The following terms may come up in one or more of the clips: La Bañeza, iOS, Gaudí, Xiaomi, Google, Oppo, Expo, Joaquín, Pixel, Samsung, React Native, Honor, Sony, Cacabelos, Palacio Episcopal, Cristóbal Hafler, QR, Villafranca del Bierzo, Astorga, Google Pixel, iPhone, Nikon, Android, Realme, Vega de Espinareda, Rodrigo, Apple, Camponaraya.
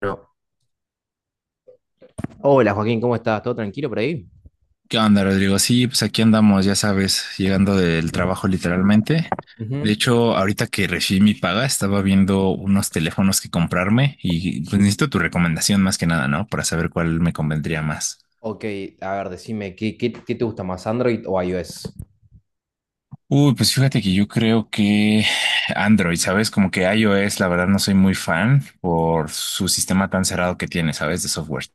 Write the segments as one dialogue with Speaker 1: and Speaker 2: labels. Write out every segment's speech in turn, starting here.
Speaker 1: Bueno, hola Joaquín, ¿cómo estás? ¿Todo tranquilo por ahí?
Speaker 2: ¿Qué onda, Rodrigo? Sí, pues aquí andamos, ya sabes, llegando del trabajo literalmente. De
Speaker 1: Ujú.
Speaker 2: hecho, ahorita que recibí mi paga, estaba viendo unos teléfonos que comprarme y pues necesito tu recomendación más que nada, ¿no? Para saber cuál me convendría más.
Speaker 1: Ok, a ver, decime, ¿qué te gusta más, Android o iOS?
Speaker 2: Uy, pues fíjate que yo creo que Android, ¿sabes? Como que iOS, la verdad no soy muy fan por su sistema tan cerrado que tiene, ¿sabes? De software.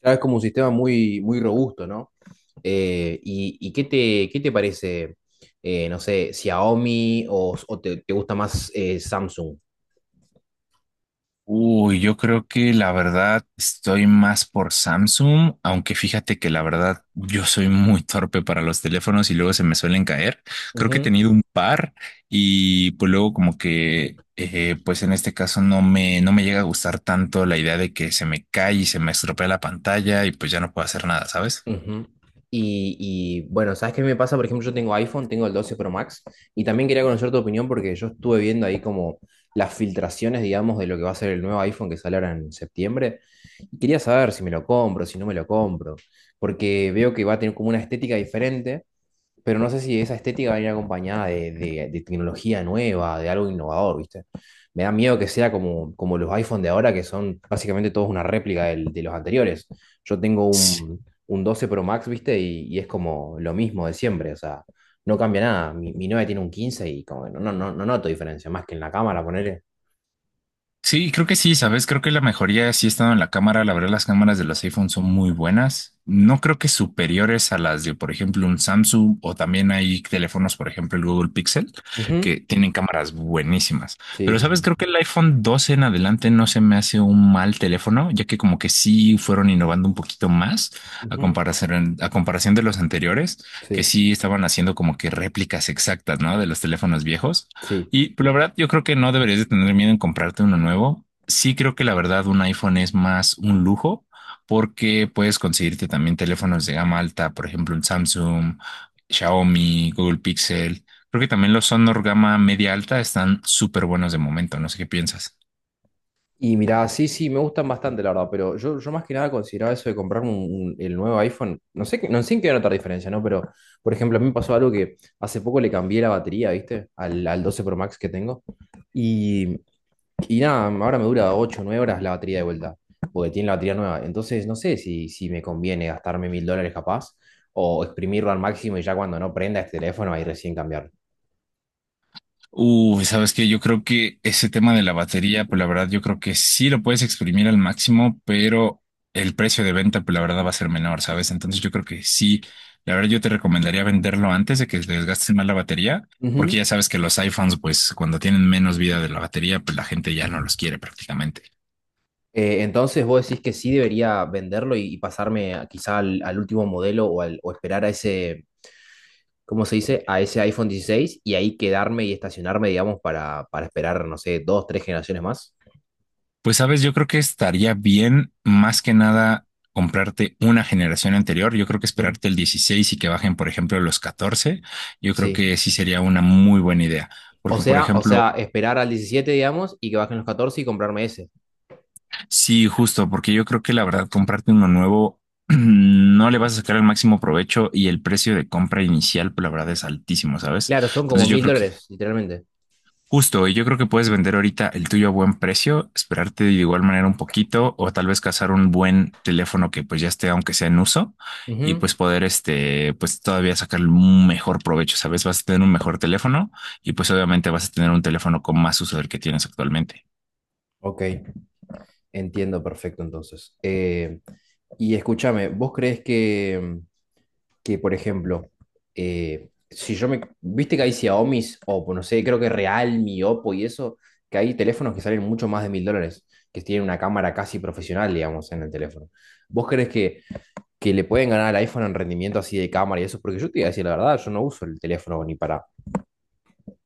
Speaker 1: Claro, es como un sistema muy, muy robusto, ¿no? Y, ¿qué te parece, no sé, Xiaomi o te gusta más Samsung?
Speaker 2: Uy, yo creo que la verdad estoy más por Samsung, aunque fíjate que la verdad yo soy muy torpe para los teléfonos y luego se me suelen caer. Creo que he
Speaker 1: Ujú.
Speaker 2: tenido un par y pues luego como que pues en este caso no me llega a gustar tanto la idea de que se me cae y se me estropea la pantalla y pues ya no puedo hacer nada, ¿sabes?
Speaker 1: Ujú. Y, bueno, ¿sabes qué me pasa? Por ejemplo, yo tengo iPhone, tengo el 12 Pro Max, y también quería conocer tu opinión, porque yo estuve viendo ahí como las filtraciones, digamos, de lo que va a ser el nuevo iPhone que sale ahora en septiembre. Y quería saber si me lo compro, si no me lo compro, porque veo que va a tener como una estética diferente, pero no sé si esa estética va a ir acompañada de tecnología nueva, de algo innovador, ¿viste? Me da miedo que sea como, como los iPhone de ahora, que son básicamente todos una réplica de los anteriores. Yo tengo un 12 Pro Max, ¿viste? Y es como lo mismo de siempre, o sea, no cambia nada. Mi novia tiene un 15 y como que no noto diferencia, más que en la cámara, ponerle.
Speaker 2: Sí, creo que sí, ¿sabes? Creo que la mejoría sí ha estado en la cámara. La verdad, las cámaras de los iPhone son muy buenas. No creo que superiores a las de, por ejemplo, un Samsung o también hay teléfonos, por ejemplo, el Google Pixel,
Speaker 1: Sí,
Speaker 2: que tienen cámaras buenísimas.
Speaker 1: sí,
Speaker 2: Pero, ¿sabes?
Speaker 1: sí.
Speaker 2: Creo que el iPhone 12 en adelante no se me hace un mal teléfono, ya que como que sí fueron innovando un poquito más a
Speaker 1: Ujú.
Speaker 2: comparación, a comparación de los anteriores, que
Speaker 1: Sí,
Speaker 2: sí estaban haciendo como que réplicas exactas, ¿no? De los teléfonos viejos.
Speaker 1: sí.
Speaker 2: Y pero la verdad, yo creo que no deberías de tener miedo en comprarte uno nuevo. Sí creo que la verdad un iPhone es más un lujo porque puedes conseguirte también teléfonos de gama alta, por ejemplo, un Samsung, Xiaomi, Google Pixel. Creo que también los Honor gama media alta están súper buenos de momento. No sé qué piensas.
Speaker 1: Y mirá, sí, sí, me gustan bastante, la verdad, pero yo más que nada consideraba eso de comprarme el nuevo iPhone. No sé en qué notar diferencia, ¿no? Pero, por ejemplo, a mí me pasó algo que hace poco le cambié la batería, ¿viste? Al 12 Pro Max que tengo. Y, y nada, ahora me dura 8 o 9 horas la batería de vuelta, porque tiene la batería nueva. Entonces, no sé si me conviene gastarme $1,000 capaz, o exprimirlo al máximo y ya, cuando no prenda este teléfono, ahí recién cambiarlo.
Speaker 2: Uy, sabes que yo creo que ese tema de la batería, pues la verdad, yo creo que sí lo puedes exprimir al máximo, pero el precio de venta, pues la verdad, va a ser menor, ¿sabes? Entonces yo creo que sí, la verdad, yo te recomendaría venderlo antes de que se desgaste más la batería, porque ya sabes que los iPhones, pues cuando tienen menos vida de la batería, pues la gente ya no los quiere prácticamente.
Speaker 1: Entonces, ¿vos decís que sí debería venderlo y pasarme quizá al último modelo, o esperar a ese, ¿cómo se dice? A ese iPhone 16, y ahí quedarme y estacionarme, digamos, para esperar, no sé, dos, tres generaciones más?
Speaker 2: Pues sabes, yo creo que estaría bien más que nada comprarte una generación anterior. Yo creo que
Speaker 1: Mm.
Speaker 2: esperarte el 16 y que bajen, por ejemplo, los 14. Yo creo que
Speaker 1: Sí.
Speaker 2: sí sería una muy buena idea. Porque, por ejemplo,
Speaker 1: Esperar al 17, digamos, y que bajen los 14 y comprarme ese.
Speaker 2: sí, justo, porque yo creo que la verdad comprarte uno nuevo no le vas a sacar el máximo provecho y el precio de compra inicial, pues, la verdad es altísimo, ¿sabes?
Speaker 1: Claro, son como
Speaker 2: Entonces yo
Speaker 1: mil
Speaker 2: creo que
Speaker 1: dólares, literalmente.
Speaker 2: Justo, y yo creo que puedes vender ahorita el tuyo a buen precio, esperarte de igual manera un poquito o tal vez cazar un buen teléfono que pues ya esté aunque sea en uso y
Speaker 1: Ujú.
Speaker 2: pues poder este pues todavía sacar un mejor provecho, ¿sabes? Vas a tener un mejor teléfono y pues obviamente vas a tener un teléfono con más uso del que tienes actualmente.
Speaker 1: Ok, entiendo perfecto entonces. Y escúchame, ¿vos crees que, por ejemplo, si yo me... Viste que hay Xiaomi, Oppo, no sé, creo que Realme, Oppo y eso, que hay teléfonos que salen mucho más de $1,000, que tienen una cámara casi profesional, digamos, en el teléfono? ¿Vos crees que, le pueden ganar al iPhone en rendimiento así de cámara y eso? Porque yo te iba a decir la verdad, yo no uso el teléfono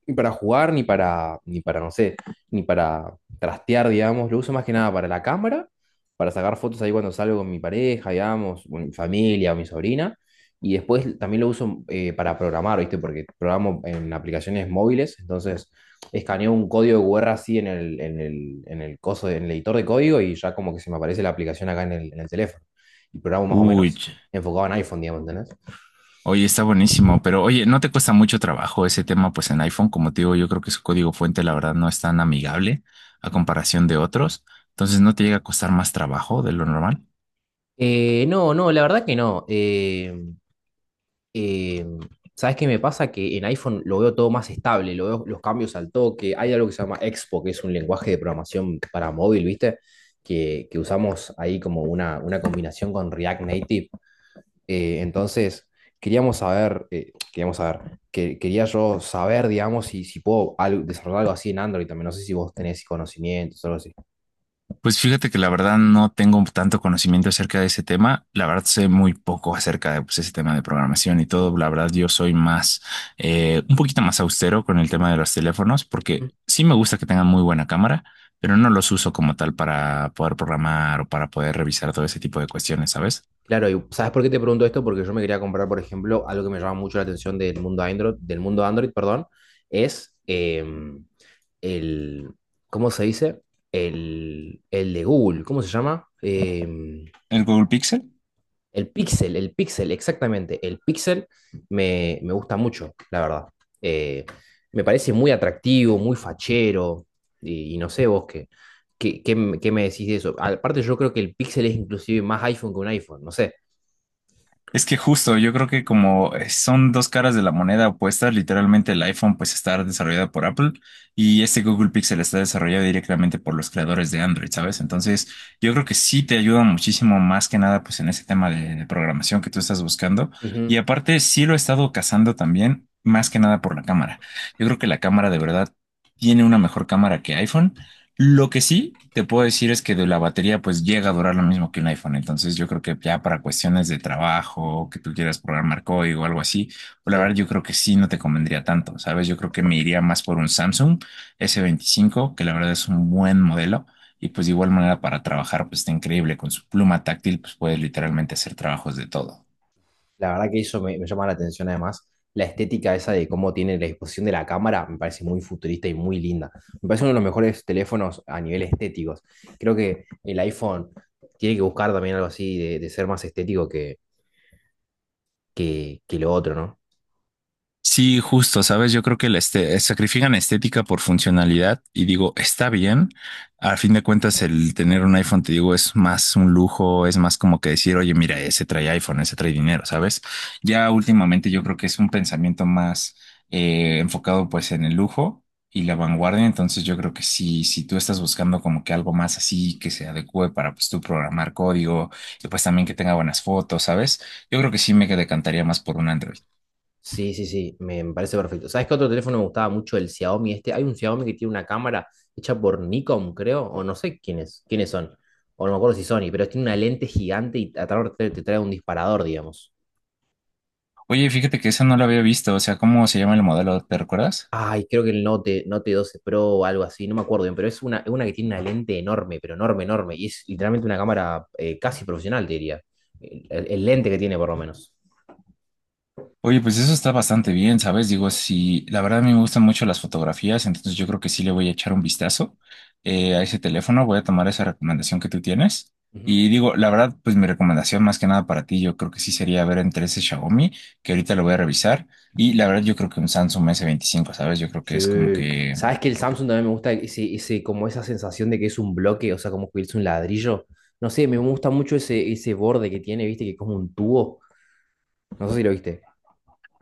Speaker 1: ni para jugar, ni para, ni para, no sé, ni para trastear, digamos. Lo uso más que nada para la cámara, para sacar fotos ahí cuando salgo con mi pareja, digamos, o mi familia o mi sobrina. Y después también lo uso para programar, ¿viste? Porque programo en aplicaciones móviles, entonces escaneo un código de QR así en el coso, en el editor de código, y ya como que se me aparece la aplicación acá en el teléfono. Y programo más o
Speaker 2: Uy,
Speaker 1: menos enfocado en iPhone, digamos, ¿entendés?
Speaker 2: oye, está buenísimo, pero oye, no te cuesta mucho trabajo ese tema pues en iPhone, como te digo, yo creo que su código fuente la verdad no es tan amigable a comparación de otros, entonces no te llega a costar más trabajo de lo normal.
Speaker 1: No, no, la verdad que no. Eh, ¿Sabes qué me pasa? Que en iPhone lo veo todo más estable, lo veo los cambios al toque. Hay algo que se llama Expo, que es un lenguaje de programación para móvil, ¿viste? Que usamos ahí como una combinación con React Native. Entonces, quería yo saber, digamos, si puedo desarrollar algo así en Android también. No sé si vos tenés conocimientos o algo así.
Speaker 2: Pues fíjate que la verdad no tengo tanto conocimiento acerca de ese tema. La verdad sé muy poco acerca de pues, ese tema de programación y todo. La verdad yo soy más, un poquito más austero con el tema de los teléfonos porque sí me gusta que tengan muy buena cámara, pero no los uso como tal para poder programar o para poder revisar todo ese tipo de cuestiones, ¿sabes?
Speaker 1: Claro, ¿y sabes por qué te pregunto esto? Porque yo me quería comprar, por ejemplo, algo que me llama mucho la atención del mundo Android, perdón, es el, ¿cómo se dice? El de Google, ¿cómo se llama?
Speaker 2: ¿El Google Pixel?
Speaker 1: El Pixel, exactamente. El Pixel me gusta mucho, la verdad. Eh, Me parece muy atractivo, muy fachero, y no sé vos qué, qué me decís de eso. Aparte, yo creo que el Pixel es inclusive más iPhone que un iPhone, no sé.
Speaker 2: Es que justo, yo creo que como son dos caras de la moneda opuestas, literalmente el iPhone pues está desarrollado por Apple y este Google Pixel está desarrollado directamente por los creadores de Android, ¿sabes? Entonces, yo creo que sí te ayuda muchísimo más que nada pues en ese tema de programación que tú estás buscando. Y
Speaker 1: Ujú.
Speaker 2: aparte, sí lo he estado cazando también, más que nada por la cámara. Yo creo que la cámara de verdad tiene una mejor cámara que iPhone. Lo que sí te puedo decir es que de la batería pues llega a durar lo mismo que un iPhone. Entonces yo creo que ya para cuestiones de trabajo, que tú quieras programar código o algo así, pues, la
Speaker 1: Sí,
Speaker 2: verdad yo creo que sí no te convendría tanto, ¿sabes? Yo creo que me iría más por un Samsung S25 que la verdad es un buen modelo. Y pues de igual manera para trabajar pues está increíble. Con su pluma táctil pues puedes literalmente hacer trabajos de todo.
Speaker 1: la verdad que eso me llama la atención, además. La estética esa de cómo tiene la disposición de la cámara me parece muy futurista y muy linda. Me parece uno de los mejores teléfonos a nivel estéticos. Creo que el iPhone tiene que buscar también algo así de, ser más estético que lo otro, ¿no?
Speaker 2: Sí, justo, sabes, yo creo que sacrifican estética por funcionalidad y digo, está bien. A fin de cuentas, el tener un iPhone, te digo, es más un lujo, es más como que decir, oye, mira, ese trae iPhone, ese trae dinero, ¿sabes? Ya últimamente yo creo que es un pensamiento más enfocado pues en el lujo y la vanguardia, entonces yo creo que si, si tú estás buscando como que algo más así, que se adecue para pues tú programar código y pues también que tenga buenas fotos, ¿sabes? Yo creo que sí me decantaría más por un Android.
Speaker 1: Sí, sí, sí, me parece perfecto. ¿Sabes qué otro teléfono me gustaba mucho? El Xiaomi este. Hay un Xiaomi que tiene una cámara hecha por Nikon, creo, o no sé quiénes, son, o no me acuerdo si Sony, pero tiene una lente gigante y atrás te trae un disparador, digamos.
Speaker 2: Oye, fíjate que esa no la había visto, o sea, ¿cómo se llama el modelo? ¿Te recuerdas?
Speaker 1: Ay, creo que el Note 12 Pro o algo así, no me acuerdo bien, pero es una que tiene una lente enorme, pero enorme, enorme. Y es literalmente una cámara casi profesional, te diría. El lente que tiene, por lo menos.
Speaker 2: Oye, pues eso está bastante bien, ¿sabes? Digo, si la verdad a mí me gustan mucho las fotografías, entonces yo creo que sí le voy a echar un vistazo a
Speaker 1: Ujú.
Speaker 2: ese teléfono, voy a tomar esa recomendación que tú tienes.
Speaker 1: Ujú.
Speaker 2: Y digo, la verdad, pues mi recomendación más que nada para ti, yo creo que sí sería ver entre ese Xiaomi, que ahorita lo voy a revisar, y la verdad yo creo que un Samsung S25, ¿sabes? Yo creo que es como
Speaker 1: Sí.
Speaker 2: que
Speaker 1: ¿Sabes que el Samsung también me gusta ese, como esa sensación de que es un bloque, o sea, como que es un ladrillo? No sé, me gusta mucho ese borde que tiene, viste, que es como un tubo. No sé si lo viste.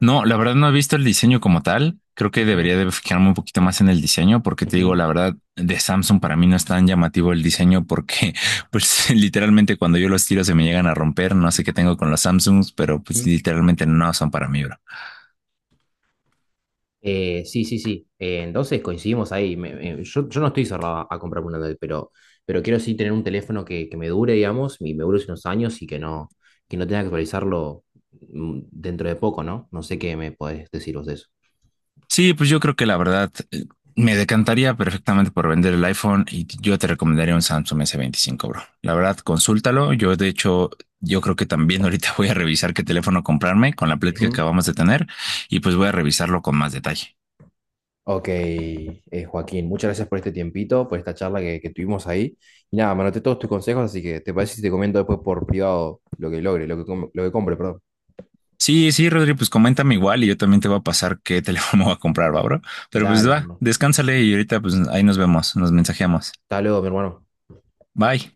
Speaker 2: no, la verdad no he visto el diseño como tal. Creo que
Speaker 1: Ujú.
Speaker 2: debería de fijarme un poquito más en el diseño porque te digo,
Speaker 1: Ujú.
Speaker 2: la verdad, de Samsung para mí no es tan llamativo el diseño porque pues literalmente cuando yo los tiro se me llegan a romper. No sé qué tengo con los Samsungs, pero pues
Speaker 1: Ujú.
Speaker 2: literalmente no son para mí, bro.
Speaker 1: Sí, sí, sí. Entonces coincidimos ahí. Yo no estoy cerrado a comprar un Android, pero quiero sí tener un teléfono que, me dure, digamos, y me dure unos años, y que no, tenga que actualizarlo dentro de poco, ¿no? No sé qué me podés decir vos de eso.
Speaker 2: Sí, pues yo creo que la verdad me decantaría perfectamente por vender el iPhone y yo te recomendaría un Samsung S25, bro. La verdad, consúltalo. Yo, de hecho, yo creo que también ahorita voy a revisar qué teléfono comprarme con la plática que
Speaker 1: Ujú.
Speaker 2: acabamos de tener y pues voy a revisarlo con más detalle.
Speaker 1: Ok, Joaquín, muchas gracias por este tiempito, por esta charla que, tuvimos ahí. Y nada, me anoté todos tus consejos, así que te parece si te comento después por privado lo que logre, lo que compre, perdón.
Speaker 2: Sí, sí, Rodri, pues coméntame igual y yo también te voy a pasar qué teléfono voy a comprar, va, bro. Pero
Speaker 1: Dale,
Speaker 2: pues va,
Speaker 1: hermano.
Speaker 2: descánsale y ahorita pues ahí nos vemos, nos mensajeamos.
Speaker 1: Hasta luego, mi hermano.
Speaker 2: Bye.